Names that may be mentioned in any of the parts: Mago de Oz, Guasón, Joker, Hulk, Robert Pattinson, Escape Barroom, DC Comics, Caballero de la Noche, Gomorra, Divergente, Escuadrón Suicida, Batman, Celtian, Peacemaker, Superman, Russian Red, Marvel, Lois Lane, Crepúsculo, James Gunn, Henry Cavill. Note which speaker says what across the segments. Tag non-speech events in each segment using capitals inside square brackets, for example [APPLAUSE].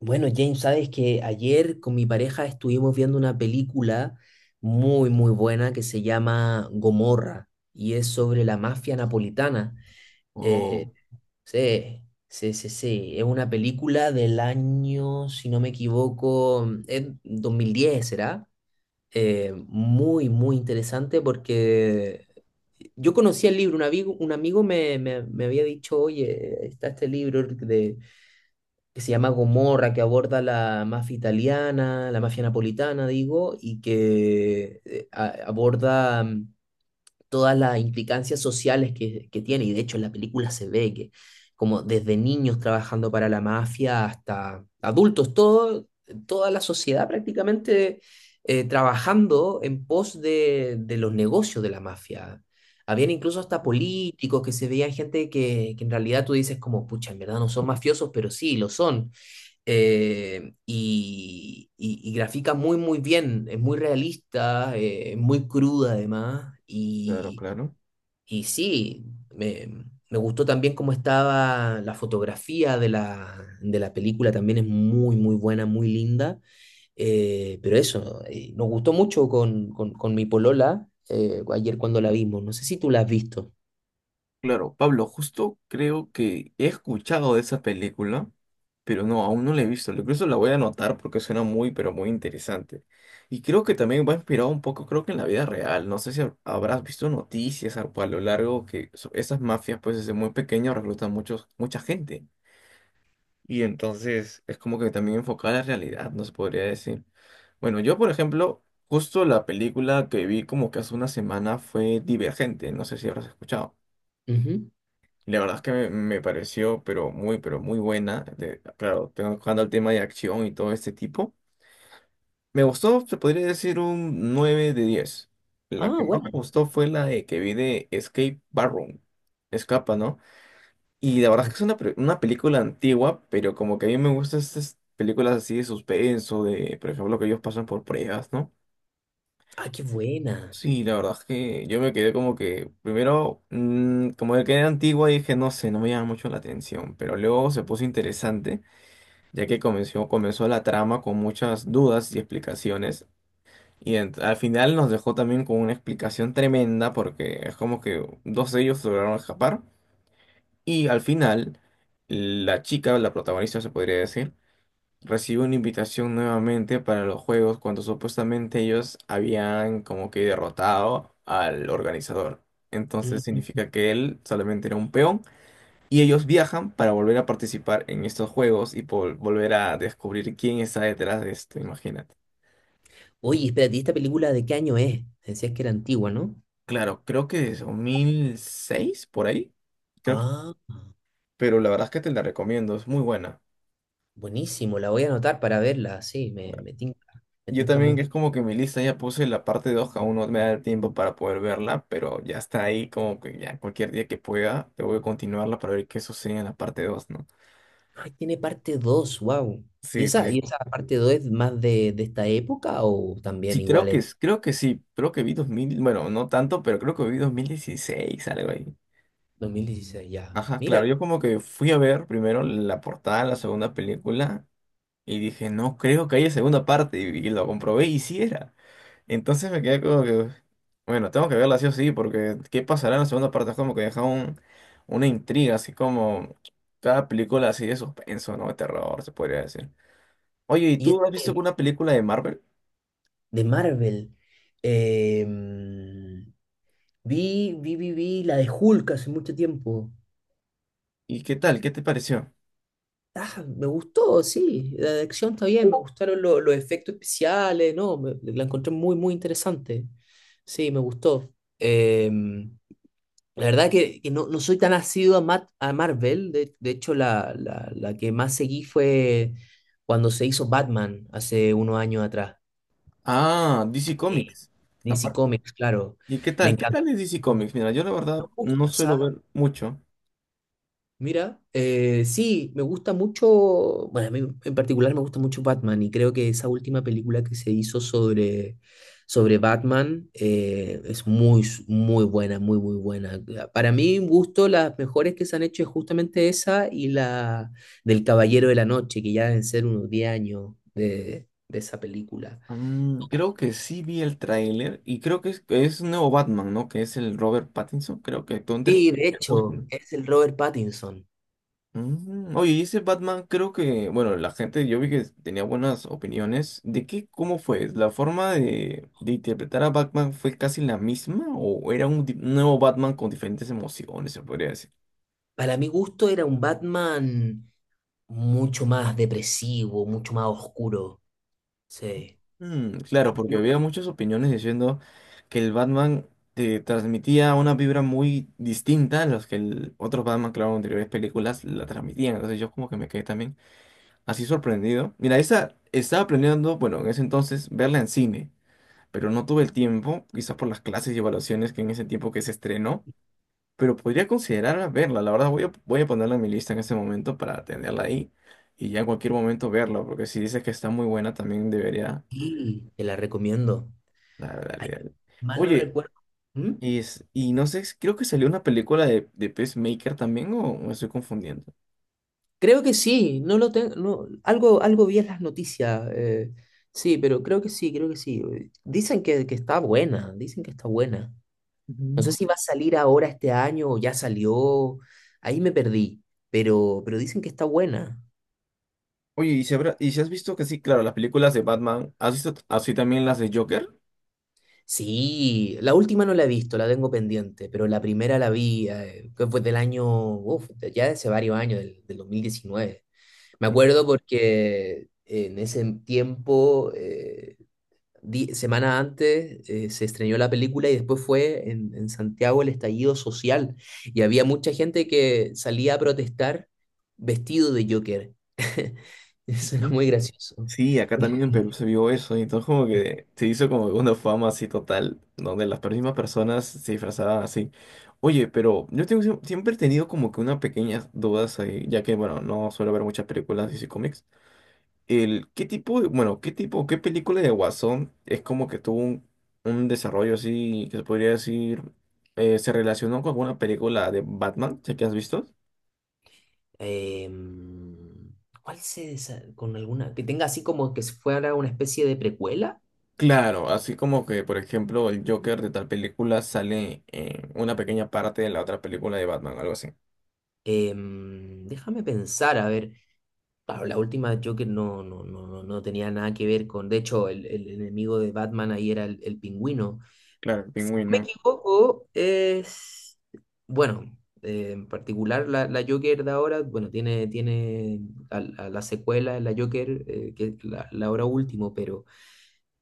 Speaker 1: Bueno, James, sabes que ayer con mi pareja estuvimos viendo una película muy, muy buena que se llama Gomorra y es sobre la mafia napolitana. Eh,
Speaker 2: Oh,
Speaker 1: sí, sí, sí, sí. Es una película del año, si no me equivoco, es 2010, ¿será? Muy, muy interesante porque yo conocía el libro. Un amigo, un amigo me había dicho, oye, está este libro de que se llama Gomorra, que aborda la mafia italiana, la mafia napolitana, digo, y que aborda todas las implicancias sociales que tiene. Y de hecho en la película se ve que como desde niños trabajando para la mafia hasta adultos, todo, toda la sociedad prácticamente trabajando en pos de los negocios de la mafia. Habían incluso hasta políticos que se veían gente que en realidad tú dices como, pucha, en verdad no son mafiosos, pero sí, lo son y grafica muy, muy bien, es muy realista, es muy cruda además,
Speaker 2: claro, claro,
Speaker 1: y sí, me gustó también cómo estaba la fotografía de la película, también es muy, muy buena, muy linda, pero eso, nos gustó mucho con mi polola ayer cuando la vimos, no sé si tú la has visto.
Speaker 2: claro, Pablo, justo creo que he escuchado de esa película, pero no, aún no la he visto. Incluso la voy a anotar porque suena muy, pero muy interesante. Y creo que también va inspirado un poco, creo que en la vida real. No sé si habrás visto noticias a lo largo que esas mafias, pues desde muy pequeños reclutan muchos, mucha gente. Y entonces es como que también enfocada a la realidad, nos podría decir. Bueno, yo, por ejemplo, justo la película que vi como que hace una semana fue Divergente, no sé si habrás escuchado.
Speaker 1: Ujú.
Speaker 2: Y la verdad es que me pareció, pero muy buena. Claro, tocando el tema de acción y todo este tipo. Me gustó, se podría decir un 9 de diez. La
Speaker 1: Ah,
Speaker 2: que más me
Speaker 1: buena.
Speaker 2: gustó fue la de que vi de Escape Barroom. Escapa, ¿no? Y la verdad
Speaker 1: Mm.
Speaker 2: es que es una, una película antigua, pero como que a mí me gustan estas películas así de suspenso, de, por ejemplo, que ellos pasan por pruebas, ¿no?
Speaker 1: Ah, qué buena.
Speaker 2: Sí, la verdad es que yo me quedé como que, primero, como que era antigua y dije, no sé, no me llama mucho la atención, pero luego se puso interesante, ya que comenzó, comenzó la trama con muchas dudas y explicaciones, y al final nos dejó también con una explicación tremenda, porque es como que dos de ellos lograron escapar. Y al final, la chica, la protagonista se podría decir, recibió una invitación nuevamente para los juegos cuando supuestamente ellos habían como que derrotado al organizador. Entonces significa que él solamente era un peón y ellos viajan para volver a participar en estos juegos y por volver a descubrir quién está detrás de esto, imagínate.
Speaker 1: Oye, espérate, ¿y esta película de qué año es? Decías que era antigua, ¿no?
Speaker 2: Claro, creo que es 2006 por ahí, creo que,
Speaker 1: Ah,
Speaker 2: pero la verdad es que te la recomiendo, es muy buena.
Speaker 1: buenísimo, la voy a anotar para verla, sí, me, me tinca, me
Speaker 2: Yo
Speaker 1: tinca
Speaker 2: también
Speaker 1: mucho.
Speaker 2: es como que mi lista ya puse la parte dos, aún no me da el tiempo para poder verla, pero ya está ahí como que ya cualquier día que pueda, te voy a continuarla para ver qué sucede en la parte dos, ¿no?
Speaker 1: Ay, ¿tiene parte 2? Wow.
Speaker 2: Sí, tiene.
Speaker 1: Y esa parte 2 es más de esta época o también
Speaker 2: Sí, creo
Speaker 1: igual
Speaker 2: que,
Speaker 1: es
Speaker 2: creo que sí, creo que vi dos mil, bueno, no tanto, pero creo que vi dos mil dieciséis, algo ahí.
Speaker 1: 2016 ya?
Speaker 2: Ajá,
Speaker 1: Mira,
Speaker 2: claro, yo como que fui a ver primero la portada de la segunda película, y dije, no creo que haya segunda parte. Y lo comprobé y sí era. Entonces me quedé como que, bueno, tengo que verla sí o sí, porque ¿qué pasará en la segunda parte? Es como que deja un, una intriga, así como cada película así de suspenso, ¿no? De terror, se podría decir. Oye, ¿y
Speaker 1: y es
Speaker 2: tú has visto alguna película de Marvel?
Speaker 1: de Marvel. Em, vi la de Hulk hace mucho tiempo.
Speaker 2: ¿Y qué tal? ¿Qué te pareció?
Speaker 1: Ah, me gustó, sí. La acción está bien, me gustaron los efectos especiales, ¿no? La encontré muy, muy interesante. Sí, me gustó. Em, la verdad que no, no soy tan asiduo a, a Marvel. De hecho, la que más seguí fue cuando se hizo Batman hace unos años atrás.
Speaker 2: Ah, DC
Speaker 1: Eh,
Speaker 2: Comics.
Speaker 1: DC
Speaker 2: Aparte.
Speaker 1: Comics, claro.
Speaker 2: ¿Y qué
Speaker 1: Me
Speaker 2: tal? ¿Qué
Speaker 1: encantó.
Speaker 2: tal es DC
Speaker 1: No
Speaker 2: Comics? Mira, yo la
Speaker 1: me
Speaker 2: verdad no
Speaker 1: gusta,
Speaker 2: suelo
Speaker 1: ¿sabes?
Speaker 2: ver mucho.
Speaker 1: Mira, sí, me gusta mucho, bueno, a mí en particular me gusta mucho Batman y creo que esa última película que se hizo sobre, sobre Batman es muy buena, muy, muy buena. Para mí, un gusto, las mejores que se han hecho es justamente esa y la del Caballero de la Noche, que ya deben ser unos 10 años de esa película.
Speaker 2: Mm, creo que sí vi el tráiler y creo que es un nuevo Batman, ¿no? Que es el Robert Pattinson, creo que todo entre
Speaker 1: Sí, de hecho,
Speaker 2: Crepúsculo.
Speaker 1: es el Robert Pattinson.
Speaker 2: Mm, oye, y ese Batman creo que, bueno, la gente, yo vi que tenía buenas opiniones. ¿De qué, cómo fue? ¿La forma de interpretar a Batman fue casi la misma o era un nuevo Batman con diferentes emociones, se podría decir?
Speaker 1: Para mi gusto era un Batman mucho más depresivo, mucho más oscuro. Sí.
Speaker 2: Mm, claro, porque había muchas opiniones diciendo que el Batman te transmitía una vibra muy distinta a las que el otros Batman, claro, en anteriores películas la transmitían. Entonces yo como que me quedé también así sorprendido. Mira, esa estaba planeando, bueno, en ese entonces verla en cine, pero no tuve el tiempo, quizás por las clases y evaluaciones que en ese tiempo que se estrenó, pero podría considerar verla. La verdad voy a ponerla en mi lista en ese momento para tenerla ahí y ya en cualquier momento verla, porque si dices que está muy buena también debería.
Speaker 1: Y te la recomiendo.
Speaker 2: Dale,
Speaker 1: Ay,
Speaker 2: dale, dale.
Speaker 1: mal no
Speaker 2: Oye,
Speaker 1: recuerdo. ¿Mm?
Speaker 2: y, y no sé, creo que salió una película de Peacemaker también, o me estoy confundiendo.
Speaker 1: Creo que sí, no lo tengo, no, algo, algo vi en las noticias. Sí, pero creo que sí, creo que sí. Dicen que está buena, dicen que está buena. No sé
Speaker 2: Ujú.
Speaker 1: si va a salir ahora este año o ya salió. Ahí me perdí, pero dicen que está buena.
Speaker 2: Oye, ¿y si, y si has visto que sí, claro, las películas de Batman, ¿has visto así también las de Joker?
Speaker 1: Sí, la última no la he visto, la tengo pendiente, pero la primera la vi, que fue del año, uf, ya de hace varios años, del 2019. Me acuerdo porque en ese tiempo, semana antes, se estrenó la película y después fue en Santiago el estallido social. Y había mucha gente que salía a protestar vestido de Joker. [LAUGHS] Eso era
Speaker 2: Ujú.
Speaker 1: muy gracioso.
Speaker 2: Sí, acá también en Perú se vio eso, y entonces como que se hizo como una fama así total, donde las mismas personas se disfrazaban así. Oye, pero yo tengo, siempre he tenido como que unas pequeñas dudas ahí, ya que, bueno, no suelo ver muchas películas de cómics. El, ¿qué tipo de, bueno, qué tipo, qué película de Guasón es como que tuvo un desarrollo así, que se podría decir, se relacionó con alguna película de Batman, sé que has visto?
Speaker 1: Em, ¿Cuál con alguna que tenga así como que fuera una especie de precuela?
Speaker 2: Claro, así como que, por ejemplo, el Joker de tal película sale en una pequeña parte de la otra película de Batman, algo así.
Speaker 1: Déjame pensar, a ver. Claro, la última de Joker no, no, no, no, no tenía nada que ver con. De hecho, el enemigo de Batman ahí era el pingüino.
Speaker 2: Claro, el
Speaker 1: Si no me
Speaker 2: pingüino.
Speaker 1: equivoco, es. Bueno, en particular la Joker de ahora, bueno, tiene, tiene a, a la secuela, la Joker, que es la hora último, pero.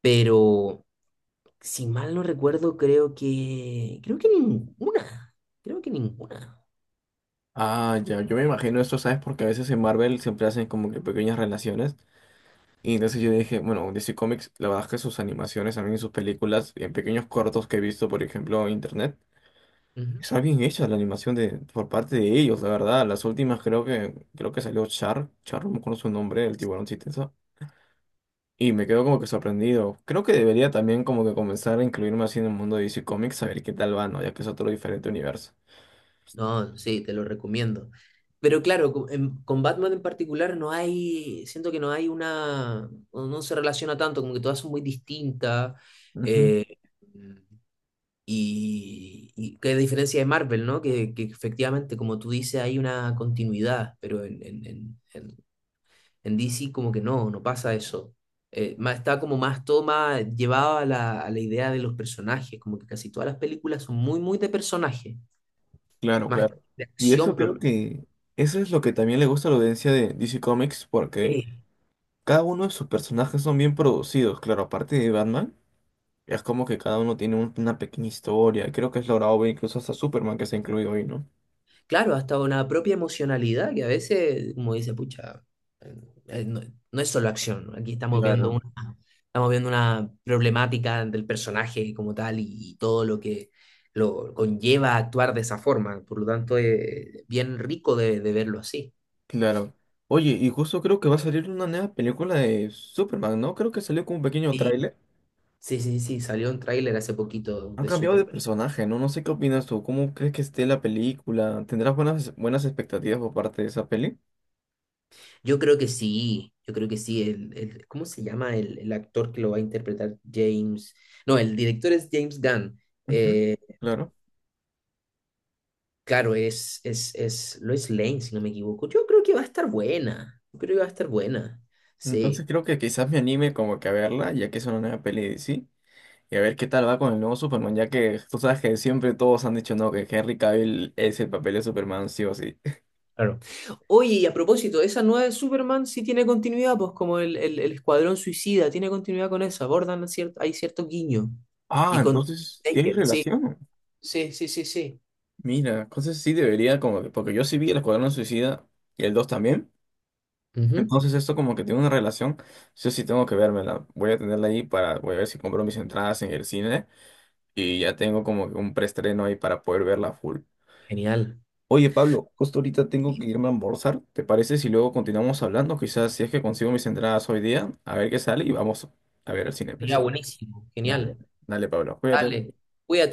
Speaker 1: Pero, si mal no recuerdo, creo que. Creo que ninguna. Creo que ninguna.
Speaker 2: Ah, ya, yo me imagino esto, ¿sabes? Porque a veces en Marvel siempre hacen como que pequeñas relaciones. Y entonces yo dije, bueno, DC Comics, la verdad es que sus animaciones, también sus películas, en pequeños cortos que he visto, por ejemplo, en internet,
Speaker 1: Ujú.
Speaker 2: está bien hecha la animación por parte de ellos, la verdad. Las últimas creo que salió Char, Char, no me acuerdo su nombre, el tiburón chistoso. Y me quedo como que sorprendido. Creo que debería también como que comenzar a incluirme así en el mundo de DC Comics, a ver qué tal va, ¿no? Ya que es otro diferente universo.
Speaker 1: No, sí, te lo recomiendo. Pero claro, con Batman en particular no hay, siento que no hay una, o no se relaciona tanto, como que todas son muy distintas.
Speaker 2: Ujú,
Speaker 1: eh, y, y que a diferencia de Marvel, ¿no? Que efectivamente, como tú dices, hay una continuidad, pero en DC como que no, no pasa eso. Está como más toma llevado a a la idea de los personajes, como que casi todas las películas son muy, muy de personaje,
Speaker 2: claro,
Speaker 1: más que
Speaker 2: claro.
Speaker 1: de
Speaker 2: Y
Speaker 1: acción
Speaker 2: eso creo
Speaker 1: propia.
Speaker 2: que, eso es lo que también le gusta a la audiencia de DC Comics, porque... Cada uno de sus personajes son bien producidos, claro, aparte de Batman, es como que cada uno tiene un, una pequeña historia. Creo que es logrado ver incluso hasta Superman que se ha incluido hoy, ¿no?
Speaker 1: Claro, hasta una propia emocionalidad que a veces, como dice, pucha, no, no es solo acción, ¿no? Aquí
Speaker 2: Claro,
Speaker 1: estamos viendo una problemática del personaje como tal y todo lo que lo conlleva actuar de esa forma. Por lo tanto, es bien rico de verlo así.
Speaker 2: claro. Oye, y justo creo que va a salir una nueva película de Superman, ¿no? Creo que salió como un pequeño
Speaker 1: Sí,
Speaker 2: tráiler.
Speaker 1: sí, sí, sí, salió un tráiler hace poquito
Speaker 2: Han
Speaker 1: de
Speaker 2: cambiado de
Speaker 1: Superman.
Speaker 2: personaje, ¿no? No sé qué opinas tú. ¿Cómo crees que esté la película? ¿Tendrás buenas, buenas expectativas por parte de esa peli?
Speaker 1: Yo creo que sí, yo creo que sí. ¿Cómo se llama el actor que lo va a interpretar? James. No, el director es James Gunn.
Speaker 2: Ujú.
Speaker 1: Eh,
Speaker 2: Claro.
Speaker 1: Claro, es Lois Lane, si no me equivoco. Yo creo que va a estar buena. Yo creo que va a estar buena.
Speaker 2: Entonces
Speaker 1: Sí,
Speaker 2: creo que quizás me anime como que a verla, ya que es una nueva peli de DC. Y a ver qué tal va con el nuevo Superman, ya que tú sabes que siempre todos han dicho no, que Henry Cavill es el papel de Superman, sí o sí.
Speaker 1: claro. Oye, y a propósito, esa nueva de Superman sí tiene continuidad, pues como el Escuadrón Suicida, tiene continuidad con esa. Abordan, hay cierto guiño.
Speaker 2: Ah,
Speaker 1: Y con
Speaker 2: entonces sí hay
Speaker 1: Taker, sí,
Speaker 2: relación.
Speaker 1: sí, sí, sí, sí.
Speaker 2: Mira, entonces sí debería, como que, porque yo sí vi el Escuadrón Suicida y el 2 también.
Speaker 1: Ujú.
Speaker 2: Entonces esto como que tiene una relación. Yo sí tengo que vérmela. Voy a tenerla ahí para, voy a ver si compro mis entradas en el cine. Y ya tengo como que un preestreno ahí para poder verla full.
Speaker 1: Genial.
Speaker 2: Oye, Pablo, justo ahorita tengo que irme a almorzar. ¿Te parece si luego continuamos hablando? Quizás si es que consigo mis entradas hoy día, a ver qué sale y vamos a ver el cine, pues,
Speaker 1: Sería
Speaker 2: ¿te parece?
Speaker 1: buenísimo.
Speaker 2: Dale,
Speaker 1: Genial.
Speaker 2: dale, Pablo, cuídate.
Speaker 1: Dale. Cuídate.